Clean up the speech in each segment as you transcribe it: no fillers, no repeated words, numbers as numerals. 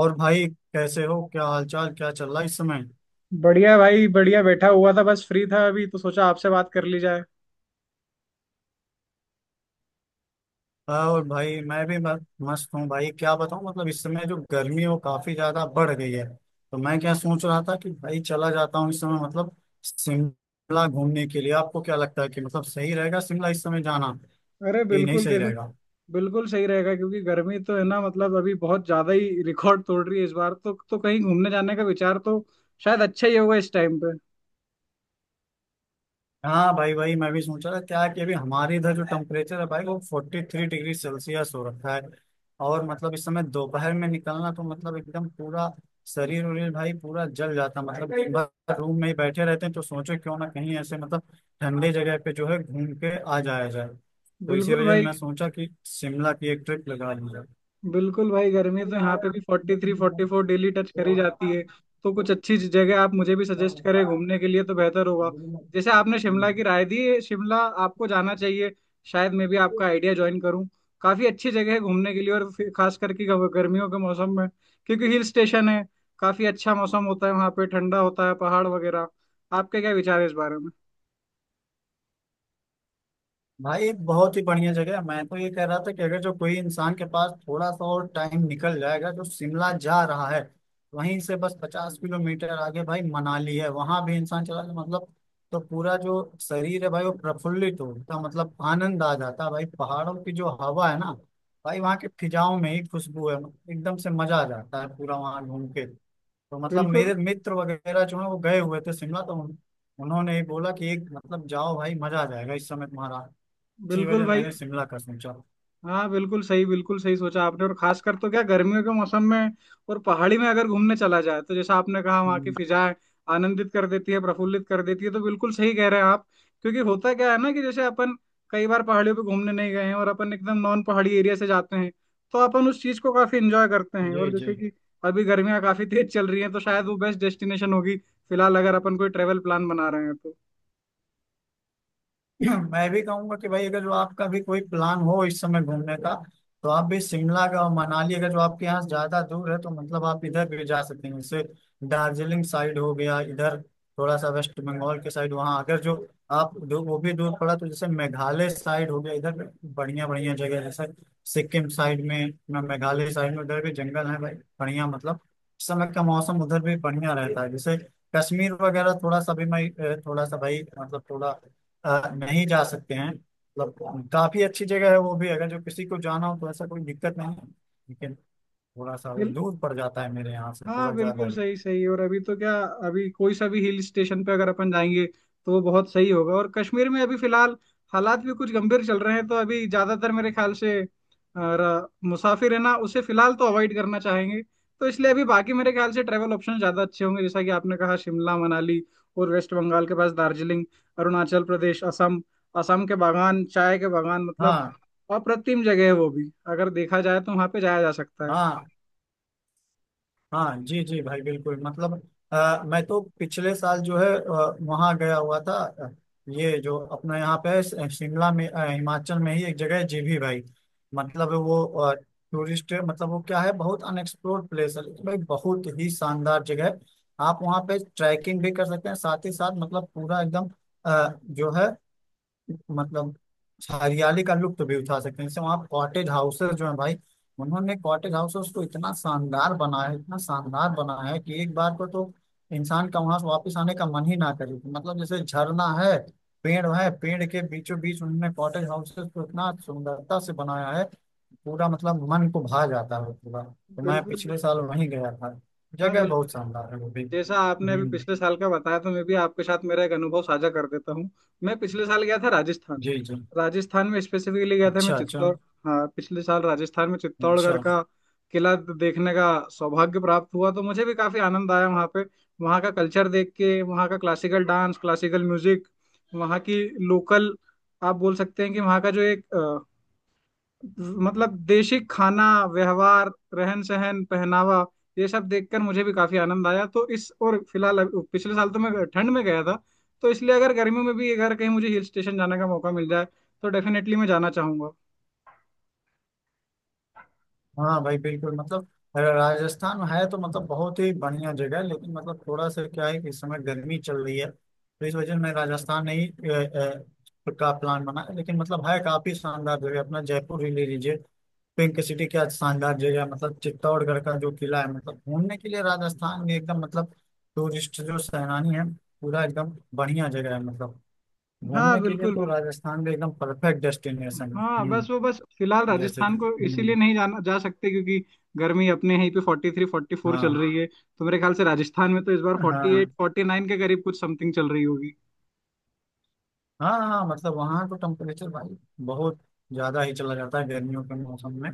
और भाई। कैसे हो? क्या हालचाल? क्या चल रहा है इस समय? बढ़िया भाई, बढ़िया। बैठा हुआ था, बस फ्री था, अभी तो सोचा आपसे बात कर ली जाए। हाँ, और भाई मैं भी मस्त हूँ भाई। क्या बताऊँ मतलब इस समय जो गर्मी है वो काफी ज्यादा बढ़ गई है। तो मैं क्या सोच रहा था कि भाई चला जाता हूँ इस समय मतलब शिमला घूमने के लिए। आपको क्या लगता है कि मतलब सही रहेगा शिमला इस समय जाना अरे कि नहीं बिल्कुल सही देखो, रहेगा? बिल्कुल सही रहेगा क्योंकि गर्मी तो है ना। मतलब अभी बहुत ज्यादा ही रिकॉर्ड तोड़ रही है इस बार। तो कहीं घूमने जाने का विचार तो शायद अच्छा ही होगा इस टाइम पे। हाँ भाई भाई मैं भी सोच रहा था क्या कि अभी हमारे इधर जो टेम्परेचर है भाई वो 43 डिग्री सेल्सियस हो रखा है। और मतलब इस समय दोपहर में निकलना तो मतलब एकदम पूरा शरीर उरीर भाई पूरा जल जाता मतलब बस रूम में ही बैठे रहते हैं। तो सोचो क्यों ना कहीं ऐसे मतलब ठंडे जगह पे जो है घूम के आ जाया जाए। तो इसी बिल्कुल वजह से भाई। मैं सोचा कि शिमला की एक ट्रिप लगा ली बिल्कुल भाई, गर्मी तो यहाँ पे भी 43 44 डेली टच करी जाती है। तो कुछ अच्छी जगह आप मुझे भी सजेस्ट करें घूमने के लिए तो बेहतर होगा। जैसे आपने जाए। शिमला की राय दी, शिमला आपको जाना चाहिए। शायद मैं भी आपका आइडिया ज्वाइन करूँ। काफी अच्छी जगह है घूमने के लिए, और फिर खास करके गर्मियों के मौसम में, क्योंकि हिल स्टेशन है। काफी अच्छा मौसम होता है वहाँ पे, ठंडा होता है, पहाड़ वगैरह। आपके क्या विचार है इस बारे में? भाई बहुत ही बढ़िया जगह है। मैं तो ये कह रहा था कि अगर जो कोई इंसान के पास थोड़ा सा और टाइम निकल जाएगा जो शिमला जा रहा है वहीं से बस 50 किलोमीटर आगे भाई मनाली है वहां भी इंसान चला जाए मतलब। तो पूरा जो शरीर है भाई वो प्रफुल्लित होता मतलब आनंद आ जाता है भाई पहाड़ों की जो हवा है ना। भाई वहाँ के फिजाओं में ही खुशबू है एकदम से मजा आ जाता है पूरा वहाँ घूम के। तो मतलब बिल्कुल। मेरे मित्र वगैरह जो है वो गए हुए थे शिमला तो उन्होंने ही बोला कि एक मतलब जाओ भाई मजा आ जाएगा इस समय तुम्हारा। इसी बिल्कुल वजह भाई। मैंने शिमला का सोचा। हाँ बिल्कुल सही, बिल्कुल सही सोचा आपने। और खासकर तो क्या, गर्मियों के मौसम में और पहाड़ी में अगर घूमने चला जाए तो जैसा आपने कहा वहाँ की हम्म, फिजाएं आनंदित कर देती है, प्रफुल्लित कर देती है। तो बिल्कुल सही कह रहे हैं आप। क्योंकि होता क्या है ना, कि जैसे अपन कई बार पहाड़ियों पे घूमने नहीं गए हैं, और अपन एकदम नॉन पहाड़ी एरिया से जाते हैं, तो अपन उस चीज को काफी इंजॉय करते हैं। और जी जी। जैसे कि अभी गर्मियां काफी तेज चल रही हैं तो शायद वो बेस्ट डेस्टिनेशन होगी फिलहाल, अगर अपन कोई ट्रेवल प्लान बना रहे हैं तो। मैं भी कहूंगा कि भाई अगर जो आपका भी कोई प्लान हो इस समय घूमने का तो आप भी शिमला का और मनाली अगर जो आपके यहाँ से ज्यादा दूर है तो मतलब आप इधर भी जा सकते हैं। जैसे दार्जिलिंग साइड हो गया इधर थोड़ा सा वेस्ट बंगाल के साइड वहाँ। अगर जो वो भी दूर पड़ा तो जैसे मेघालय साइड हो गया इधर बढ़िया बढ़िया जगह है, जैसे सिक्किम साइड में ना मेघालय साइड में उधर भी जंगल है भाई बढ़िया मतलब। इस समय का मौसम उधर भी बढ़िया रहता है। जैसे कश्मीर वगैरह थोड़ा सा भी मैं थोड़ा सा भाई मतलब थोड़ा नहीं जा सकते हैं मतलब काफी अच्छी जगह है वो भी अगर जो किसी को जाना हो तो ऐसा कोई दिक्कत नहीं है। लेकिन थोड़ा सा वो दूर पड़ जाता है मेरे यहाँ से हाँ थोड़ा ज्यादा बिल्कुल ही। सही सही। और अभी तो क्या, अभी कोई सा भी हिल स्टेशन पे अगर अपन जाएंगे तो वो बहुत सही होगा। और कश्मीर में अभी फिलहाल हालात भी कुछ गंभीर चल रहे हैं, तो अभी ज्यादातर मेरे ख्याल से मुसाफिर है ना, उसे फिलहाल तो अवॉइड करना चाहेंगे। तो इसलिए अभी बाकी मेरे ख्याल से ट्रैवल ऑप्शन ज्यादा अच्छे होंगे, जैसा कि आपने कहा शिमला मनाली, और वेस्ट बंगाल के पास दार्जिलिंग, अरुणाचल प्रदेश, असम। असम के बागान, चाय के बागान मतलब हाँ अप्रतिम जगह है। वो भी अगर देखा जाए तो वहां पे जाया जा सकता है। हाँ हाँ, जी जी भाई बिल्कुल मतलब मैं तो पिछले साल जो है वहाँ गया हुआ था। ये जो अपना यहाँ पे है, शिमला में हिमाचल में ही एक जगह है जीभी भाई। मतलब वो टूरिस्ट मतलब वो क्या है बहुत अनएक्सप्लोर्ड प्लेस है लेकिन भाई बहुत ही शानदार जगह है। आप वहाँ पे ट्रैकिंग भी कर सकते हैं साथ ही साथ मतलब पूरा एकदम जो है मतलब हरियाली का लुत्फ भी उठा सकते हैं। जैसे वहाँ कॉटेज हाउसेस जो है भाई उन्होंने कॉटेज हाउसेस को इतना शानदार बनाया है इतना शानदार बनाया है कि एक बार को तो इंसान का वहां से वापस आने का मन ही ना करे। मतलब जैसे झरना है पेड़ के बीचों बीच उन्होंने कॉटेज हाउसेस को इतना सुंदरता से बनाया है पूरा मतलब मन को भा जाता है पूरा। तो मैं बिल्कुल। पिछले साल वहीं गया था। हाँ जगह बिल्कुल। बहुत शानदार है वो भी। जैसा आपने अभी हम्म, पिछले साल का बताया, तो मैं भी आपके साथ मेरा एक अनुभव साझा कर देता हूँ। मैं पिछले साल गया था राजस्थान। जी जी। राजस्थान में स्पेसिफिकली गया था मैं अच्छा अच्छा। चित्तौड़। हाँ पिछले साल राजस्थान में चित्तौड़गढ़ अच्छा। का किला देखने का सौभाग्य प्राप्त हुआ, तो मुझे भी काफी आनंद आया वहाँ पे। वहाँ का कल्चर देख के, वहाँ का क्लासिकल डांस, क्लासिकल म्यूजिक, वहाँ की लोकल, आप बोल सकते हैं कि वहाँ का जो एक मतलब देशी खाना, व्यवहार, रहन सहन, पहनावा, ये सब देखकर मुझे भी काफी आनंद आया। तो इस और फिलहाल पिछले साल तो मैं ठंड में गया था, तो इसलिए अगर गर्मियों में भी अगर कहीं मुझे हिल स्टेशन जाने का मौका मिल जाए तो डेफिनेटली मैं जाना चाहूंगा। हाँ भाई बिल्कुल मतलब राजस्थान है तो मतलब बहुत ही बढ़िया जगह है लेकिन मतलब थोड़ा सा क्या है कि इस समय गर्मी चल रही है तो इस वजह से मैं राजस्थान नहीं का प्लान बना है। लेकिन मतलब है काफी शानदार जगह अपना जयपुर ही ले लीजिए। पिंक सिटी क्या शानदार जगह है मतलब चित्तौड़गढ़ का जो किला है मतलब घूमने के लिए राजस्थान में एकदम मतलब टूरिस्ट जो सैलानी है पूरा एकदम बढ़िया जगह है मतलब हाँ घूमने के लिए बिल्कुल तो बिल्कुल। राजस्थान में एकदम परफेक्ट डेस्टिनेशन है। हाँ बस हम्म। वो बस फिलहाल जैसे राजस्थान कि को इसीलिए हम्म। नहीं जाना जा सकते क्योंकि गर्मी अपने यहीं पे 43 फोर्टी फोर चल हाँ रही है। तो मेरे ख्याल से राजस्थान में तो इस बार 48 हाँ 49 के करीब कुछ समथिंग चल रही होगी। हाँ हाँ हाँ, मतलब वहाँ तो टेम्परेचर भाई बहुत ज़्यादा ही चला जाता है गर्मियों के मौसम में।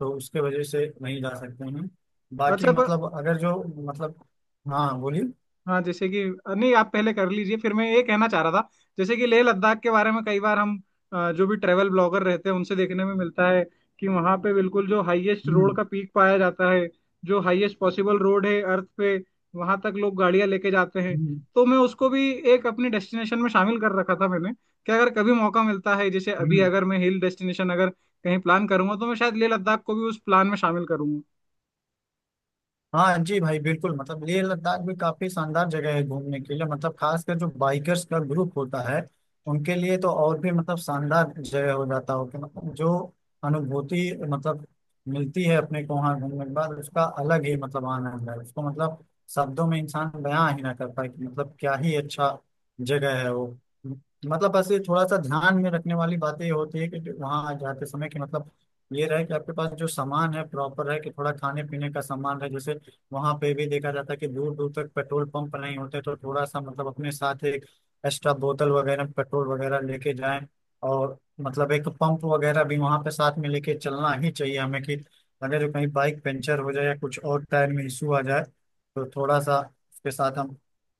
तो उसके वजह से नहीं जा सकते हैं। बाकी अच्छा पर। मतलब अगर जो मतलब। हाँ बोलिए। हाँ जैसे कि, नहीं आप पहले कर लीजिए, फिर मैं। ये कहना चाह रहा था जैसे कि लेह लद्दाख के बारे में कई बार हम जो भी ट्रेवल ब्लॉगर रहते हैं उनसे देखने में मिलता है कि वहाँ पे बिल्कुल जो हाईएस्ट रोड हम्म। का पीक पाया जाता है, जो हाईएस्ट पॉसिबल रोड है अर्थ पे, वहाँ तक लोग गाड़ियाँ लेके जाते हैं। हम्म। तो मैं उसको भी एक अपनी डेस्टिनेशन में शामिल कर रखा था मैंने कि अगर कभी मौका मिलता है, जैसे अभी हम्म। अगर मैं हिल डेस्टिनेशन अगर कहीं प्लान करूंगा तो मैं शायद लेह लद्दाख को भी उस प्लान में शामिल करूंगा। हाँ जी भाई बिल्कुल मतलब लेह लद्दाख भी काफी शानदार जगह है घूमने के लिए मतलब खासकर जो बाइकर्स का ग्रुप होता है उनके लिए तो और भी मतलब शानदार जगह हो जाता हो कि मतलब जो अनुभूति मतलब मिलती है अपने को वहाँ घूमने के बाद उसका अलग ही मतलब आनंद है उसको मतलब शब्दों में इंसान बयां ही ना कर पाए कि मतलब क्या ही अच्छा जगह है वो। मतलब बस ये थोड़ा सा ध्यान में रखने वाली बात ये होती है कि वहाँ जाते समय कि मतलब ये रहे कि आपके पास जो सामान है प्रॉपर है कि थोड़ा खाने पीने का सामान है। जैसे वहां पे भी देखा जाता है कि दूर दूर तक पेट्रोल पंप नहीं होते तो थोड़ा सा मतलब अपने साथ एक एक्स्ट्रा बोतल वगैरह पेट्रोल वगैरह लेके जाएं। और मतलब एक पंप वगैरह भी वहां पे साथ में लेके चलना ही चाहिए हमें कि अगर कहीं बाइक पंचर हो जाए या कुछ और टायर में इशू आ जाए तो थोड़ा सा उसके साथ हम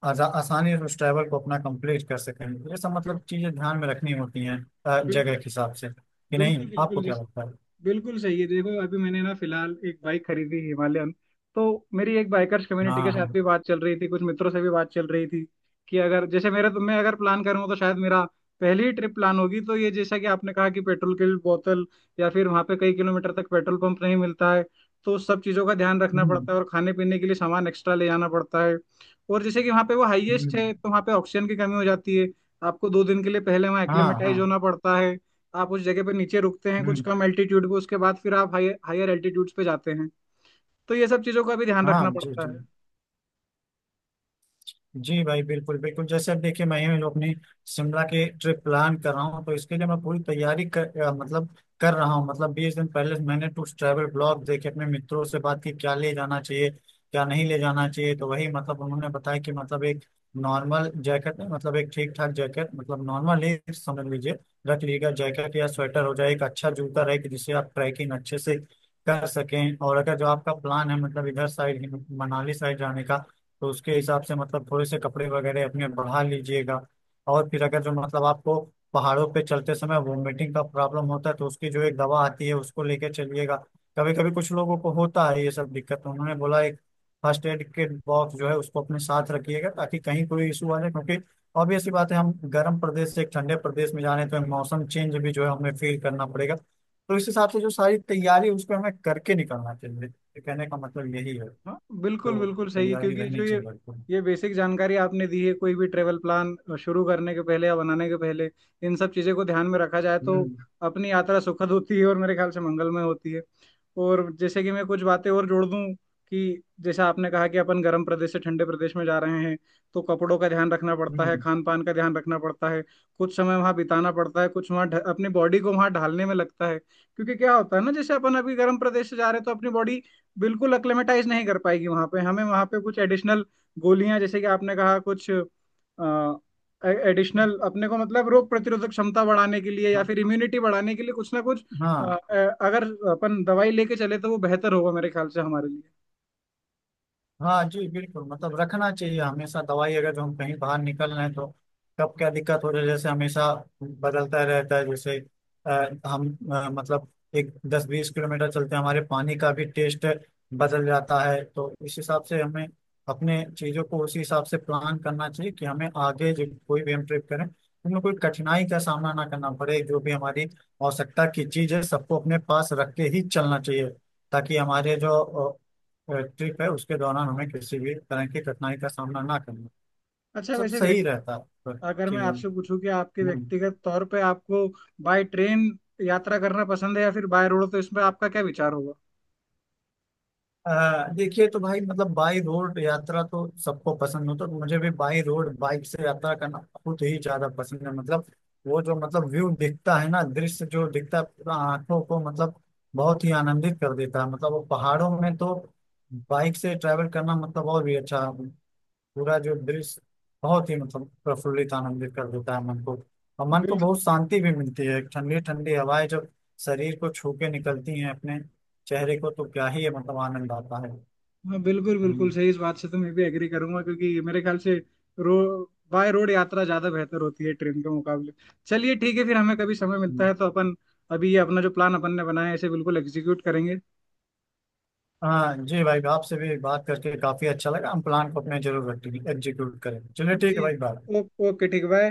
आसानी से उस ट्रैवल को अपना कंप्लीट कर सकें। ये सब बिल- मतलब चीजें ध्यान में रखनी होती हैं जगह बिल्कुल। के हिसाब से। कि नहीं, बिल्कुल बिल्कुल आपको जी। क्या लगता है? बिल्कुल सही है। देखो अभी मैंने ना फिलहाल एक बाइक खरीदी हिमालयन, तो मेरी एक बाइकर्स कम्युनिटी के हाँ साथ हाँ। भी बात चल रही थी, कुछ मित्रों से भी बात चल रही थी कि अगर जैसे मेरे, तो मैं अगर प्लान करूँ तो शायद मेरा पहली ही ट्रिप प्लान होगी। तो ये जैसा कि आपने कहा कि पेट्रोल की बोतल या फिर वहाँ पे कई किलोमीटर तक पेट्रोल पंप नहीं मिलता है, तो उस सब चीज़ों का ध्यान रखना हम्म। पड़ता है और खाने पीने के लिए सामान एक्स्ट्रा ले जाना पड़ता है। और जैसे कि वहाँ पे वो हाईएस्ट हम्म। है तो वहाँ पे ऑक्सीजन की कमी हो जाती है। आपको 2 दिन के लिए पहले वहाँ हाँ हाँ। एक्लेमेटाइज होना पड़ता है। आप उस जगह पे नीचे रुकते हैं कुछ हम्म। कम एल्टीट्यूड पे, उसके बाद फिर आप हायर हायर एल्टीट्यूड्स पे जाते हैं। तो ये सब चीज़ों का भी ध्यान हाँ रखना जी जी पड़ता है। जी भाई बिल्कुल बिल्कुल। जैसे अब देखिए मैं ही अपनी शिमला की ट्रिप प्लान कर रहा हूँ तो इसके लिए मैं पूरी तैयारी कर मतलब कर रहा हूँ। मतलब 20 दिन पहले से मैंने टूर ट्रैवल ब्लॉग देखे अपने मित्रों से बात की क्या ले जाना चाहिए क्या नहीं ले जाना चाहिए। तो वही मतलब उन्होंने बताया कि मतलब एक नॉर्मल जैकेट मतलब एक ठीक ठाक जैकेट मतलब नॉर्मल ही समझ लीजिए रख लीजिएगा। जैकेट या स्वेटर हो जाए एक अच्छा जूता रहे कि जिससे आप ट्रैकिंग अच्छे से कर सकें। और अगर जो आपका प्लान है मतलब इधर साइड मनाली साइड जाने का तो उसके हिसाब से मतलब थोड़े से कपड़े वगैरह अपने बढ़ा लीजिएगा। और फिर अगर जो मतलब आपको पहाड़ों पे चलते समय वोमिटिंग का प्रॉब्लम होता है तो उसकी जो एक दवा आती है उसको लेके चलिएगा। कभी कभी कुछ लोगों को होता है ये सब दिक्कत। तो उन्होंने बोला एक फर्स्ट एड किट बॉक्स जो है उसको अपने साथ रखिएगा ताकि कहीं कोई इशू आ जाए। क्योंकि ऑब्वियस सी बात है हम गर्म प्रदेश से एक ठंडे प्रदेश में जाने तो मौसम चेंज भी जो है हमें फील करना पड़ेगा। तो इस हिसाब से जो सारी तैयारी है, उसको हमें करके निकलना चाहिए। तो कहने का मतलब यही है हाँ बिल्कुल। तो बिल्कुल सही है तैयारी क्योंकि जो रहनी ये चाहिए। ये बेसिक जानकारी आपने दी है, कोई भी ट्रेवल प्लान शुरू करने के पहले या बनाने के पहले इन सब चीज़ों को ध्यान में रखा जाए तो हम्म। अपनी यात्रा सुखद होती है और मेरे ख्याल से मंगलमय होती है। और जैसे कि मैं कुछ बातें और जोड़ दूं कि जैसा आपने कहा कि अपन गर्म प्रदेश से ठंडे प्रदेश में जा रहे हैं तो कपड़ों का ध्यान रखना पड़ता है, हम्म। खान पान का ध्यान रखना पड़ता है। कुछ समय वहाँ बिताना पड़ता है, कुछ वहाँ अपनी बॉडी को वहाँ ढालने में लगता है। क्योंकि क्या होता है ना, जैसे अपन अभी गर्म प्रदेश से जा रहे हैं तो अपनी बॉडी बिल्कुल अक्लेमेटाइज नहीं कर पाएगी वहाँ पे। हमें वहाँ पे कुछ एडिशनल गोलियां, जैसे कि आपने कहा, कुछ एडिशनल अपने को मतलब रोग प्रतिरोधक क्षमता बढ़ाने के लिए या हाँ फिर इम्यूनिटी बढ़ाने के लिए कुछ ना कुछ अ, हाँ। अ, अगर अपन दवाई लेके चले तो वो बेहतर होगा मेरे ख्याल से हमारे लिए। हाँ जी बिल्कुल मतलब रखना चाहिए हमेशा दवाई अगर जो हम कहीं बाहर निकल रहे हैं तो कब क्या दिक्कत हो रही है जैसे हमेशा बदलता रहता है। जैसे हम मतलब एक 10 20 किलोमीटर चलते हैं हमारे पानी का भी टेस्ट बदल जाता है। तो इस हिसाब से हमें अपने चीज़ों को उसी हिसाब से प्लान करना चाहिए कि हमें आगे जो कोई भी हम ट्रिप करें उनमें कोई कठिनाई का सामना ना करना पड़े। जो भी हमारी आवश्यकता की चीज़ है सबको अपने पास रख के ही चलना चाहिए ताकि हमारे जो ट्रिप है उसके दौरान हमें किसी भी तरह की कठिनाई का सामना ना करना। अच्छा, सब वैसे सही व्यक्ति, रहता है अगर मैं चीजों में। आपसे पूछूं कि आपके हम्म। व्यक्तिगत तौर पे आपको बाय ट्रेन यात्रा करना पसंद है या फिर बाय रोड, तो इसमें आपका क्या विचार होगा? देखिए तो भाई मतलब बाई रोड यात्रा तो सबको पसंद हो तो मुझे भी बाई रोड बाइक से यात्रा करना बहुत ही ज्यादा पसंद है। मतलब वो जो मतलब व्यू दिखता है ना दृश्य जो दिखता है पूरा आंखों को मतलब बहुत ही आनंदित कर देता है। मतलब वो पहाड़ों में तो बाइक से ट्रैवल करना मतलब और भी अच्छा पूरा जो दृश्य बहुत ही मतलब प्रफुल्लित आनंदित कर देता है मन को। और मन को बिल्कुल। बहुत शांति भी मिलती है ठंडी ठंडी हवाएं जब शरीर को छू के निकलती हैं अपने चेहरे को तो क्या ही मतलब आनंद आता है। हाँ बिल्कुल बिल्कुल हम्म, सही। इस बात से तो मैं भी एग्री करूंगा क्योंकि मेरे ख्याल से रो बाय रोड यात्रा ज्यादा बेहतर होती है ट्रेन के मुकाबले। चलिए ठीक है फिर, हमें कभी समय मिलता हम्म। है तो अपन अभी ये अपना जो प्लान अपन ने बनाया है इसे बिल्कुल एग्जीक्यूट करेंगे। हाँ जी भाई आपसे भी बात करके काफी अच्छा लगा हम प्लान को अपने जरूर एग्जीक्यूट करें। चलिए ठीक जी। है भाई बाय। ओ, ओके ठीक। बाय।